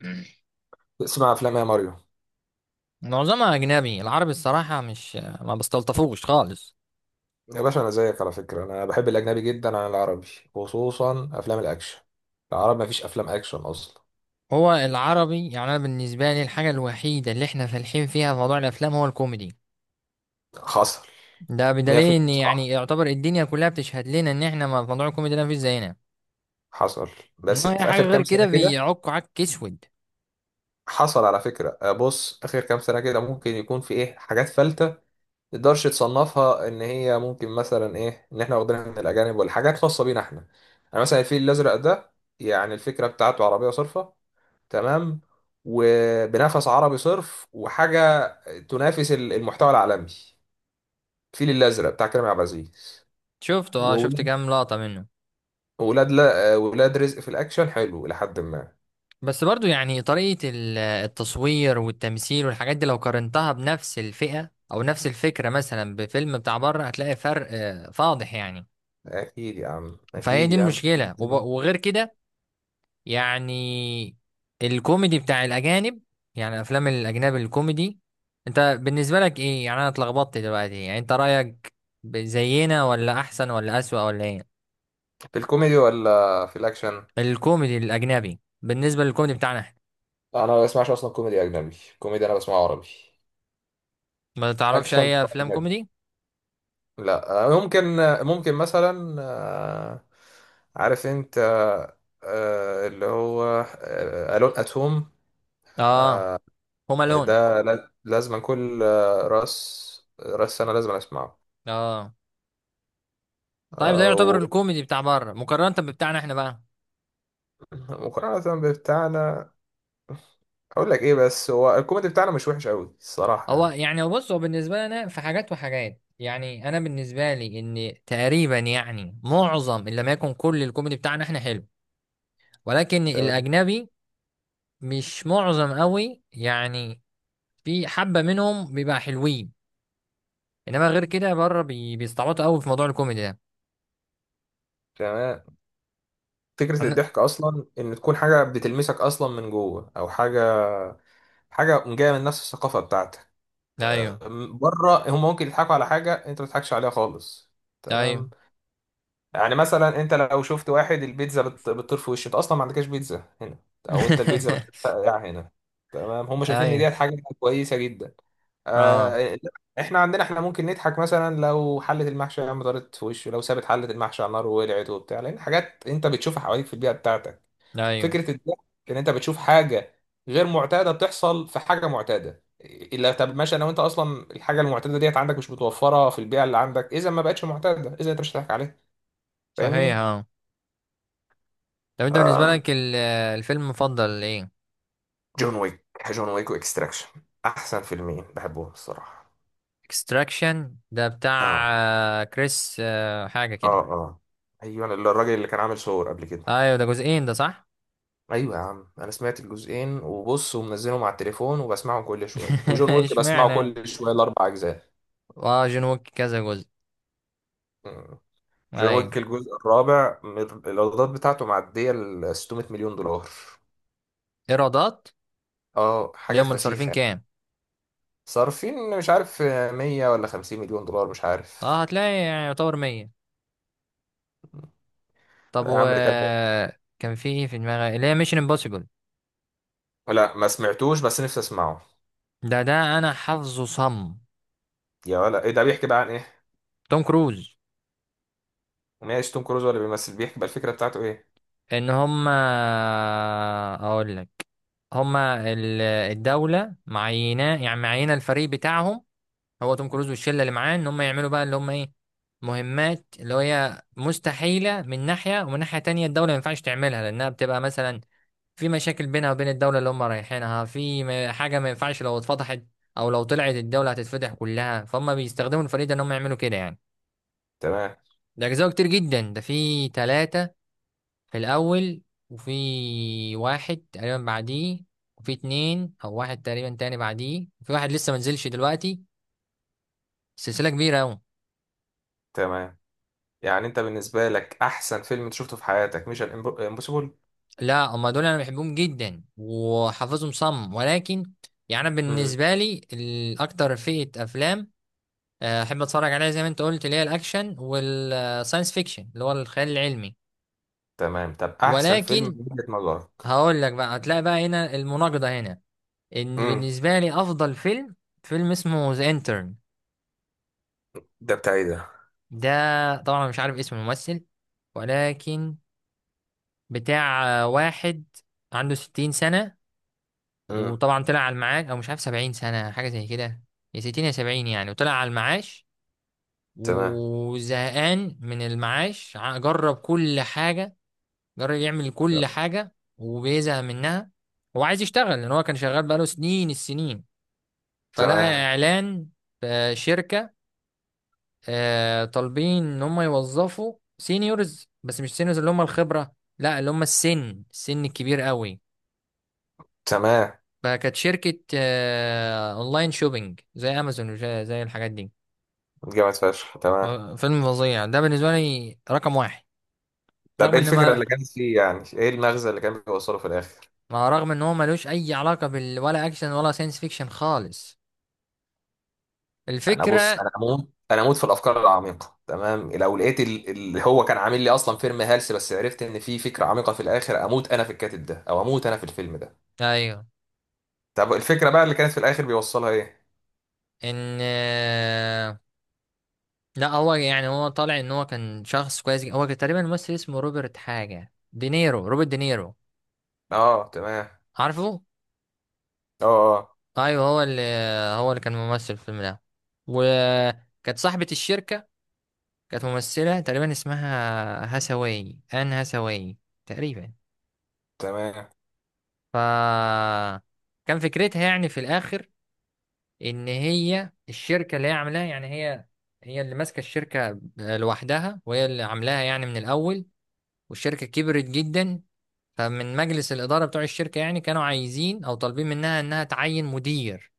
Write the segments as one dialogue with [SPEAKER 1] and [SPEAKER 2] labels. [SPEAKER 1] مم.
[SPEAKER 2] اسمع افلام يا ماريو.
[SPEAKER 1] معظمها أجنبي العربي الصراحة مش ما بستلطفوش خالص.
[SPEAKER 2] يا باشا انا زيك على فكره، انا بحب الاجنبي جدا عن العربي، خصوصا افلام الاكشن. العرب مفيش افلام اكشن اصلا.
[SPEAKER 1] هو العربي يعني أنا بالنسبة لي الحاجة الوحيدة اللي احنا فالحين فيها في موضوع الأفلام هو الكوميدي.
[SPEAKER 2] حصل.
[SPEAKER 1] ده بدليل
[SPEAKER 2] 100%
[SPEAKER 1] إن يعني
[SPEAKER 2] صح.
[SPEAKER 1] يعتبر الدنيا كلها بتشهد لنا إن احنا موضوع الكوميدي ده مفيش زينا.
[SPEAKER 2] حصل بس
[SPEAKER 1] إنما أي
[SPEAKER 2] في
[SPEAKER 1] حاجة
[SPEAKER 2] اخر
[SPEAKER 1] غير
[SPEAKER 2] كام سنه
[SPEAKER 1] كده
[SPEAKER 2] كده.
[SPEAKER 1] بيعكوا عك أسود.
[SPEAKER 2] حصل على فكره. بص اخر كام سنه كده ممكن يكون في ايه حاجات فلتة. تقدرش تصنفها ان هي ممكن مثلا ايه، ان احنا واخدينها من الاجانب ولا حاجات خاصه بينا احنا. انا مثلا الفيل الازرق ده، يعني الفكره بتاعته عربيه صرفه تمام، وبنفس عربي صرف وحاجه تنافس المحتوى العالمي، الفيل الازرق بتاع كريم عبد العزيز.
[SPEAKER 1] شفته، اه، شفت
[SPEAKER 2] وولاد،
[SPEAKER 1] كام لقطة منه.
[SPEAKER 2] ولاد لا ولاد رزق في الاكشن حلو لحد ما.
[SPEAKER 1] بس برضو يعني طريقة التصوير والتمثيل والحاجات دي لو قارنتها بنفس الفئة أو نفس الفكرة مثلا بفيلم بتاع بره هتلاقي فرق فاضح يعني.
[SPEAKER 2] اكيد يا عم،
[SPEAKER 1] فهي
[SPEAKER 2] اكيد
[SPEAKER 1] دي
[SPEAKER 2] يا عم.
[SPEAKER 1] المشكلة وغير كده. يعني الكوميدي بتاع الأجانب، يعني أفلام الأجنبي الكوميدي، أنت بالنسبة لك إيه؟ يعني أنا اتلخبطت دلوقتي. يعني أنت رأيك زينا ولا أحسن ولا أسوأ ولا إيه؟
[SPEAKER 2] في الكوميدي ولا في الاكشن؟
[SPEAKER 1] الكوميدي الأجنبي بالنسبة للكوميدي بتاعنا إحنا.
[SPEAKER 2] انا ما بسمعش اصلا كوميدي اجنبي، كوميدي انا بسمعه عربي.
[SPEAKER 1] ما تعرفش
[SPEAKER 2] اكشن.
[SPEAKER 1] أي أفلام كوميدي؟
[SPEAKER 2] لا، ممكن، ممكن مثلا، عارف انت، اللي هو ألون أتوم.
[SPEAKER 1] آه. هوم ألون.
[SPEAKER 2] ده لازما كل راس سنة لازم أسمعه.
[SPEAKER 1] آه. طيب ده يعتبر
[SPEAKER 2] أو
[SPEAKER 1] الكوميدي بتاع بره مقارنة ببتاعنا إحنا بقى.
[SPEAKER 2] مقارنة بتاعنا. أقول لك إيه، بس هو الكوميدي بتاعنا مش وحش أوي الصراحة
[SPEAKER 1] هو
[SPEAKER 2] يعني.
[SPEAKER 1] يعني بص، هو بالنسبة لي أنا في حاجات وحاجات، يعني أنا بالنسبة لي إن تقريبا يعني معظم إن لم يكن كل الكوميدي بتاعنا إحنا حلو، ولكن
[SPEAKER 2] تمام.
[SPEAKER 1] الأجنبي مش معظم قوي يعني. في حبة منهم بيبقى حلوين، إنما غير كده بره بيستعبطوا قوي في موضوع الكوميدي ده.
[SPEAKER 2] تمام. فكرة
[SPEAKER 1] أنا...
[SPEAKER 2] الضحك أصلا إن تكون حاجة بتلمسك أصلا من جوه، أو حاجة، حاجة جاية من نفس الثقافة بتاعتك.
[SPEAKER 1] أيوه.
[SPEAKER 2] بره هم ممكن يضحكوا على حاجه انت ما تضحكش عليها خالص.
[SPEAKER 1] أيوه.
[SPEAKER 2] تمام. يعني مثلا انت لو شفت واحد البيتزا بتطير في وشه، انت اصلا ما عندكش بيتزا هنا، او انت البيتزا مش بتاع هنا. تمام، هم شايفين ان
[SPEAKER 1] أيوه.
[SPEAKER 2] دي حاجه كويسه جدا.
[SPEAKER 1] أه.
[SPEAKER 2] آه. احنا عندنا احنا ممكن نضحك، مثلا لو حله المحشي يا عم طارت في وشه، لو سابت حله المحشي على النار وولعت وبتاع، لان حاجات انت بتشوفها حواليك في البيئه بتاعتك.
[SPEAKER 1] أيوه.
[SPEAKER 2] فكره الضحك ان انت بتشوف حاجه غير معتاده بتحصل في حاجه معتاده. الا طب ماشي، انا وانت اصلا الحاجه المعتاده ديت عندك مش متوفره في البيئه اللي عندك، اذا ما بقتش معتاده، اذا انت مش هتضحك عليها.
[SPEAKER 1] صحيح،
[SPEAKER 2] فاهمني؟
[SPEAKER 1] أه. طب أنت بالنسبة لك الفيلم المفضل إيه؟
[SPEAKER 2] جون ويك. جون ويك واكستراكشن، احسن فيلمين بحبهم الصراحه.
[SPEAKER 1] اكستراكشن ده بتاع
[SPEAKER 2] اه.
[SPEAKER 1] كريس حاجة
[SPEAKER 2] اه
[SPEAKER 1] كده.
[SPEAKER 2] اه. ايوه، اللي الراجل اللي كان عامل صور قبل كده.
[SPEAKER 1] ايوه ده جزئين ده، صح؟
[SPEAKER 2] ايوه يا عم، انا سمعت الجزئين وبص، ومنزلهم على التليفون وبسمعهم كل شويه، وجون ويك بسمعه
[SPEAKER 1] اشمعنى؟
[SPEAKER 2] كل شويه الاربع اجزاء.
[SPEAKER 1] اه جون ويك كذا جزء؟
[SPEAKER 2] جون
[SPEAKER 1] ايوه.
[SPEAKER 2] ويك الجزء الرابع الايرادات بتاعته معديه ال 600 مليون دولار.
[SPEAKER 1] ايرادات؟
[SPEAKER 2] اه
[SPEAKER 1] اللي
[SPEAKER 2] حاجات
[SPEAKER 1] هم صارفين
[SPEAKER 2] فشيخه يعني.
[SPEAKER 1] كام؟
[SPEAKER 2] صارفين مش عارف، 100 ولا 50 مليون دولار مش
[SPEAKER 1] اه
[SPEAKER 2] عارف.
[SPEAKER 1] هتلاقي يعني يعتبر 100. طب
[SPEAKER 2] لا يا عم ده كان.
[SPEAKER 1] كان في ايه في دماغي، اللي هي ميشن امبوسيبل.
[SPEAKER 2] لا ما سمعتوش بس نفسي اسمعه.
[SPEAKER 1] ده انا حافظه صم.
[SPEAKER 2] يا ولا ايه، ده بيحكي بقى عن ايه؟
[SPEAKER 1] توم كروز.
[SPEAKER 2] ماشي، توم كروز ولا بيمثل، بيحكي بقى الفكره بتاعته ايه؟
[SPEAKER 1] ان هم، اقول لك، هما الدولة معينة، يعني معينة الفريق بتاعهم. هو توم كروز والشله اللي معاه ان هم يعملوا بقى اللي هم ايه، مهمات اللي هي مستحيله من ناحيه، ومن ناحيه تانية الدوله ما ينفعش تعملها لانها بتبقى مثلا في مشاكل بينها وبين الدوله اللي هم رايحينها، في حاجه ما ينفعش لو اتفضحت، او لو طلعت الدوله هتتفضح كلها. فهم بيستخدموا الفريق ده ان هم يعملوا كده يعني.
[SPEAKER 2] تمام.
[SPEAKER 1] ده اجزاء كتير جدا، ده في ثلاثه في الاول، وفي واحد تقريبا بعديه، وفي اتنين او واحد تقريبا تاني بعديه، وفي واحد لسه ما نزلش دلوقتي. سلسله كبيره قوي.
[SPEAKER 2] تمام. يعني انت بالنسبه لك احسن فيلم انت شفته في حياتك مش امبوسيبل؟
[SPEAKER 1] لا، هما دول انا بحبهم جدا وحافظهم صم، ولكن يعني انا
[SPEAKER 2] امم.
[SPEAKER 1] بالنسبه لي الاكتر فئه افلام احب اتفرج عليها، زي ما انت قلت، اللي هي الاكشن والساينس فيكشن اللي هو الخيال العلمي،
[SPEAKER 2] تمام طب احسن فيلم من
[SPEAKER 1] ولكن
[SPEAKER 2] وجهه نظرك.
[SPEAKER 1] هقول لك بقى، هتلاقي بقى هنا المناقضه هنا، ان
[SPEAKER 2] امم.
[SPEAKER 1] بالنسبه لي افضل فيلم فيلم اسمه ذا انترن.
[SPEAKER 2] ده بتاع ايه ده؟
[SPEAKER 1] ده طبعا أنا مش عارف اسم الممثل، ولكن بتاع واحد عنده 60 سنة،
[SPEAKER 2] امم.
[SPEAKER 1] وطبعا طلع على المعاش، او مش عارف، 70 سنه حاجه زي كده، يا 60 يا 70 يعني، وطلع على المعاش
[SPEAKER 2] تمام.
[SPEAKER 1] وزهقان من المعاش. جرب كل حاجه، جرب يعمل كل حاجه وبيزهق منها. هو عايز يشتغل لان هو كان شغال بقاله سنين السنين. فلقى
[SPEAKER 2] تمام.
[SPEAKER 1] اعلان في شركه طالبين ان هم يوظفوا سينيورز، بس مش سينيورز اللي هم الخبره، لا اللي هم السن، السن الكبير قوي.
[SPEAKER 2] تمام.
[SPEAKER 1] فكانت شركة أونلاين شوبينج زي أمازون وزي الحاجات دي.
[SPEAKER 2] جامد فشخ. تمام
[SPEAKER 1] فيلم فظيع، ده بالنسبة لي رقم واحد.
[SPEAKER 2] طب
[SPEAKER 1] رغم
[SPEAKER 2] ايه
[SPEAKER 1] إن
[SPEAKER 2] الفكره
[SPEAKER 1] ما
[SPEAKER 2] اللي، تمام كانت فيه يعني، ايه المغزى اللي كان بيوصله في الاخر؟
[SPEAKER 1] مع رغم إن هو ملوش أي علاقة بال، ولا أكشن ولا ساينس فيكشن خالص.
[SPEAKER 2] انا بص
[SPEAKER 1] الفكرة،
[SPEAKER 2] انا اموت، في الافكار العميقه. تمام. لو لقيت اللي هو كان عامل لي اصلا فيلم هلس، بس عرفت ان في فكره عميقه في الاخر، اموت انا في الكاتب ده او اموت انا في الفيلم ده.
[SPEAKER 1] أيوه،
[SPEAKER 2] طب الفكره بقى اللي كانت في الاخر بيوصلها ايه؟
[SPEAKER 1] إن لا هو يعني هو طالع إن هو كان شخص كويس جدا. هو كان تقريبا ممثل اسمه روبرت حاجة دينيرو، روبرت دينيرو،
[SPEAKER 2] اه تمام.
[SPEAKER 1] عارفه؟
[SPEAKER 2] اه اه.
[SPEAKER 1] أيوه، هو اللي، كان ممثل في الفيلم ده. وكانت صاحبة الشركة كانت ممثلة تقريبا اسمها هسواي، آن هسواي تقريبا.
[SPEAKER 2] تمام.
[SPEAKER 1] ف كان فكرتها يعني في الآخر إن هي الشركة اللي هي عاملاها، يعني هي اللي ماسكة الشركة لوحدها وهي اللي عاملاها يعني من الأول، والشركة كبرت جدا. فمن مجلس الإدارة بتوع الشركة يعني كانوا عايزين أو طالبين منها إنها تعين مدير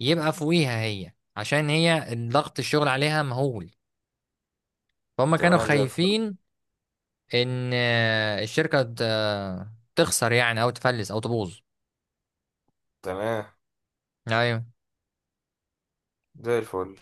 [SPEAKER 1] يبقى فوقيها هي، عشان هي ضغط الشغل عليها مهول. فهم كانوا
[SPEAKER 2] تمام زي الفل.
[SPEAKER 1] خايفين ان الشركه تخسر يعني، او تفلس، او تبوظ.
[SPEAKER 2] تمام
[SPEAKER 1] ايوه.
[SPEAKER 2] زي الفل.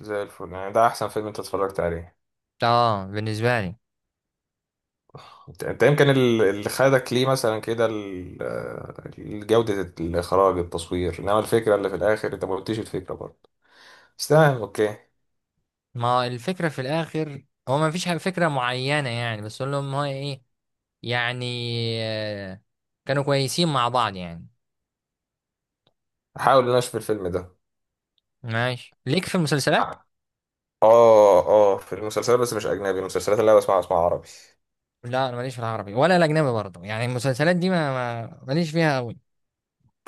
[SPEAKER 2] زي الفل يعني، ده احسن فيلم انت اتفرجت عليه.
[SPEAKER 1] اه، بالنسبه لي.
[SPEAKER 2] انت انت يمكن اللي خدك ليه مثلا كده جودة الاخراج، التصوير، انما الفكرة اللي في الاخر انت ما قلتيش الفكرة برضه. بس تمام اوكي.
[SPEAKER 1] ما الفكره في الاخر هو ما فيش فكره معينه يعني، بس اقول لهم هو ايه، يعني آه، كانوا كويسين مع بعض يعني.
[SPEAKER 2] هحاول ان انا اشوف الفيلم ده.
[SPEAKER 1] ماشي. ليك في المسلسلات؟
[SPEAKER 2] اه اه في المسلسلات، بس مش اجنبي، المسلسلات اللي انا بسمعها بسمعها عربي.
[SPEAKER 1] لا انا ماليش في العربي ولا الاجنبي برضه، يعني المسلسلات دي ماليش فيها قوي.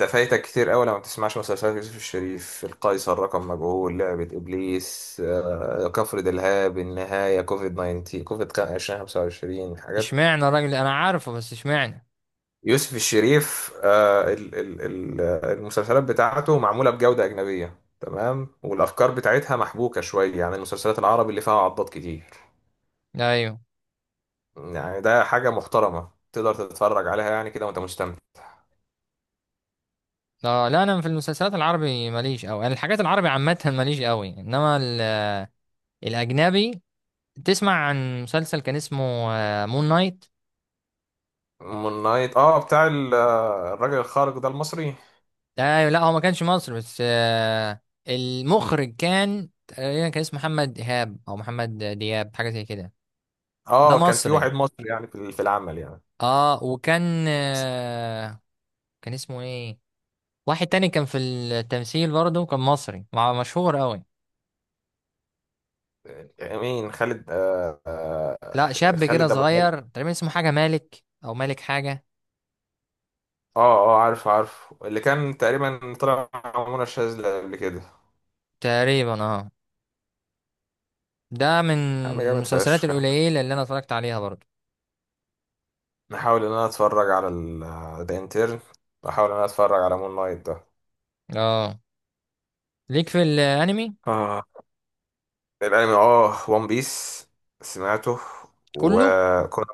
[SPEAKER 2] انت فايتك كتير قوي لما ما بتسمعش مسلسلات يوسف الشريف، القيصر، رقم مجهول، لعبة ابليس، كفر دلهاب، النهاية، كوفيد 19، كوفيد 2025، حاجات.
[SPEAKER 1] اشمعنى؟ الراجل انا عارفه بس اشمعنى؟
[SPEAKER 2] يوسف الشريف، المسلسلات بتاعته معمولة بجودة أجنبية تمام، والأفكار بتاعتها محبوكة شوية عن المسلسلات العربي اللي فيها عضات كتير.
[SPEAKER 1] ايوه.
[SPEAKER 2] يعني ده حاجة محترمة تقدر تتفرج عليها يعني كده وأنت مستمتع.
[SPEAKER 1] لا، لا، انا في المسلسلات العربي ماليش قوي، يعني الحاجات العربي عامه ماليش قوي، انما الاجنبي. تسمع عن مسلسل كان اسمه مون نايت؟
[SPEAKER 2] مون نايت. اه بتاع الراجل الخارق ده المصري.
[SPEAKER 1] ده لا، هو ما كانش مصري، بس المخرج كان تقريبا كان اسمه محمد ايهاب او محمد دياب حاجه زي كده. ده
[SPEAKER 2] اه كان في
[SPEAKER 1] مصري،
[SPEAKER 2] واحد مصري يعني في العمل يعني.
[SPEAKER 1] اه، وكان آه، كان اسمه ايه، واحد تاني كان في التمثيل برضه كان مصري، مع مشهور قوي.
[SPEAKER 2] مين؟ خالد آه
[SPEAKER 1] لا
[SPEAKER 2] آه
[SPEAKER 1] شاب كده
[SPEAKER 2] خالد ابو الهيثم.
[SPEAKER 1] صغير، تقريبا اسمه حاجه مالك او مالك حاجه
[SPEAKER 2] اه اه، عارف، عارف، اللي كان تقريبا طلع مع منى شاذلي قبل كده.
[SPEAKER 1] تقريبا، اه. ده من
[SPEAKER 2] يا عم جامد
[SPEAKER 1] المسلسلات
[SPEAKER 2] فشخ.
[SPEAKER 1] القليله اللي انا اتفرجت عليها برضه.
[SPEAKER 2] نحاول ان انا اتفرج على ذا انترن، واحاول ان انا اتفرج على مون نايت ده.
[SPEAKER 1] اه. ليك في الانمي؟
[SPEAKER 2] اه. الانمي اه، وان بيس سمعته،
[SPEAKER 1] كله.
[SPEAKER 2] وكنت.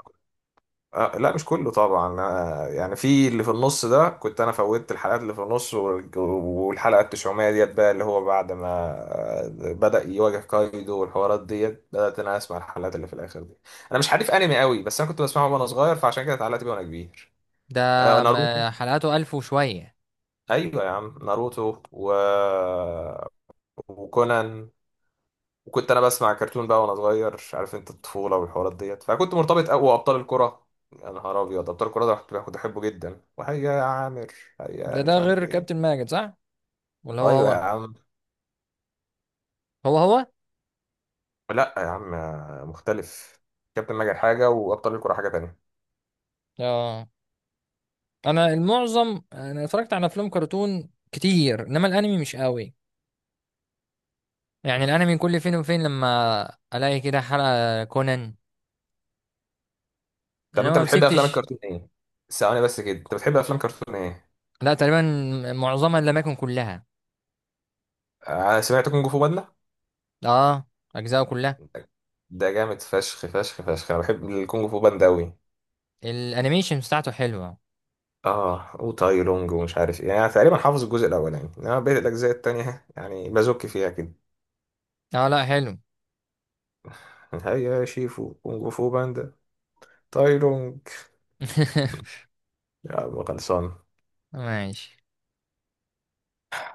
[SPEAKER 2] آه لا مش كله طبعا، أنا يعني في اللي في النص ده كنت انا فوتت الحلقات اللي في النص والحلقه 900 ديت بقى اللي هو بعد ما بدأ يواجه كايدو والحوارات ديت، بدأت انا اسمع الحلقات اللي في الاخر دي. انا مش حريف انمي قوي بس انا كنت بسمعه وانا صغير، فعشان كده اتعلقت بيه وانا كبير.
[SPEAKER 1] ده
[SPEAKER 2] ناروتو.
[SPEAKER 1] حلقاته 1000 وشوية.
[SPEAKER 2] ايوه يا عم، ناروتو و... وكونان. وكنت انا بسمع كرتون بقى وانا صغير عارف انت، الطفوله والحوارات ديت فكنت مرتبط قوي، وابطال الكره، يا نهار ابيض. ابطال الكره ده كنت بحبه جدا، وهيا يا عامر، هيا
[SPEAKER 1] ده
[SPEAKER 2] مش عارف
[SPEAKER 1] غير
[SPEAKER 2] ايه.
[SPEAKER 1] كابتن ماجد، صح؟ ولا هو
[SPEAKER 2] ايوه يا
[SPEAKER 1] هو؟
[SPEAKER 2] عم.
[SPEAKER 1] هو هو.
[SPEAKER 2] لا يا عم، مختلف. كابتن ماجد حاجه وابطال الكره حاجه تانية.
[SPEAKER 1] اه. انا المعظم انا اتفرجت على افلام كرتون كتير، انما الانمي مش قوي، يعني الانمي كل فين وفين لما الاقي كده حلقة كونان.
[SPEAKER 2] طب
[SPEAKER 1] انا
[SPEAKER 2] انت
[SPEAKER 1] ما
[SPEAKER 2] بتحب افلام
[SPEAKER 1] مسكتش.
[SPEAKER 2] الكرتون ايه؟ ثواني بس كده، انت بتحب افلام كرتون ايه؟
[SPEAKER 1] لا، تقريبا معظمها لم يكن كلها.
[SPEAKER 2] انا سمعت كونج فو باندا.
[SPEAKER 1] اه، اجزاء كلها.
[SPEAKER 2] ده جامد فشخ فشخ فشخ، انا بحب الكونج فو باندا قوي.
[SPEAKER 1] الانيميشن بتاعته حلوة.
[SPEAKER 2] اه وتاي لونج ومش عارف ايه، يعني أنا تقريبا حافظ الجزء الاولاني، انما بقيت الاجزاء التانية يعني بزك فيها كده.
[SPEAKER 1] اه، لا، حلو.
[SPEAKER 2] هيا يا شيفو كونغ فو باندا. تاي لونج. يا عم خلصان.
[SPEAKER 1] ماشي.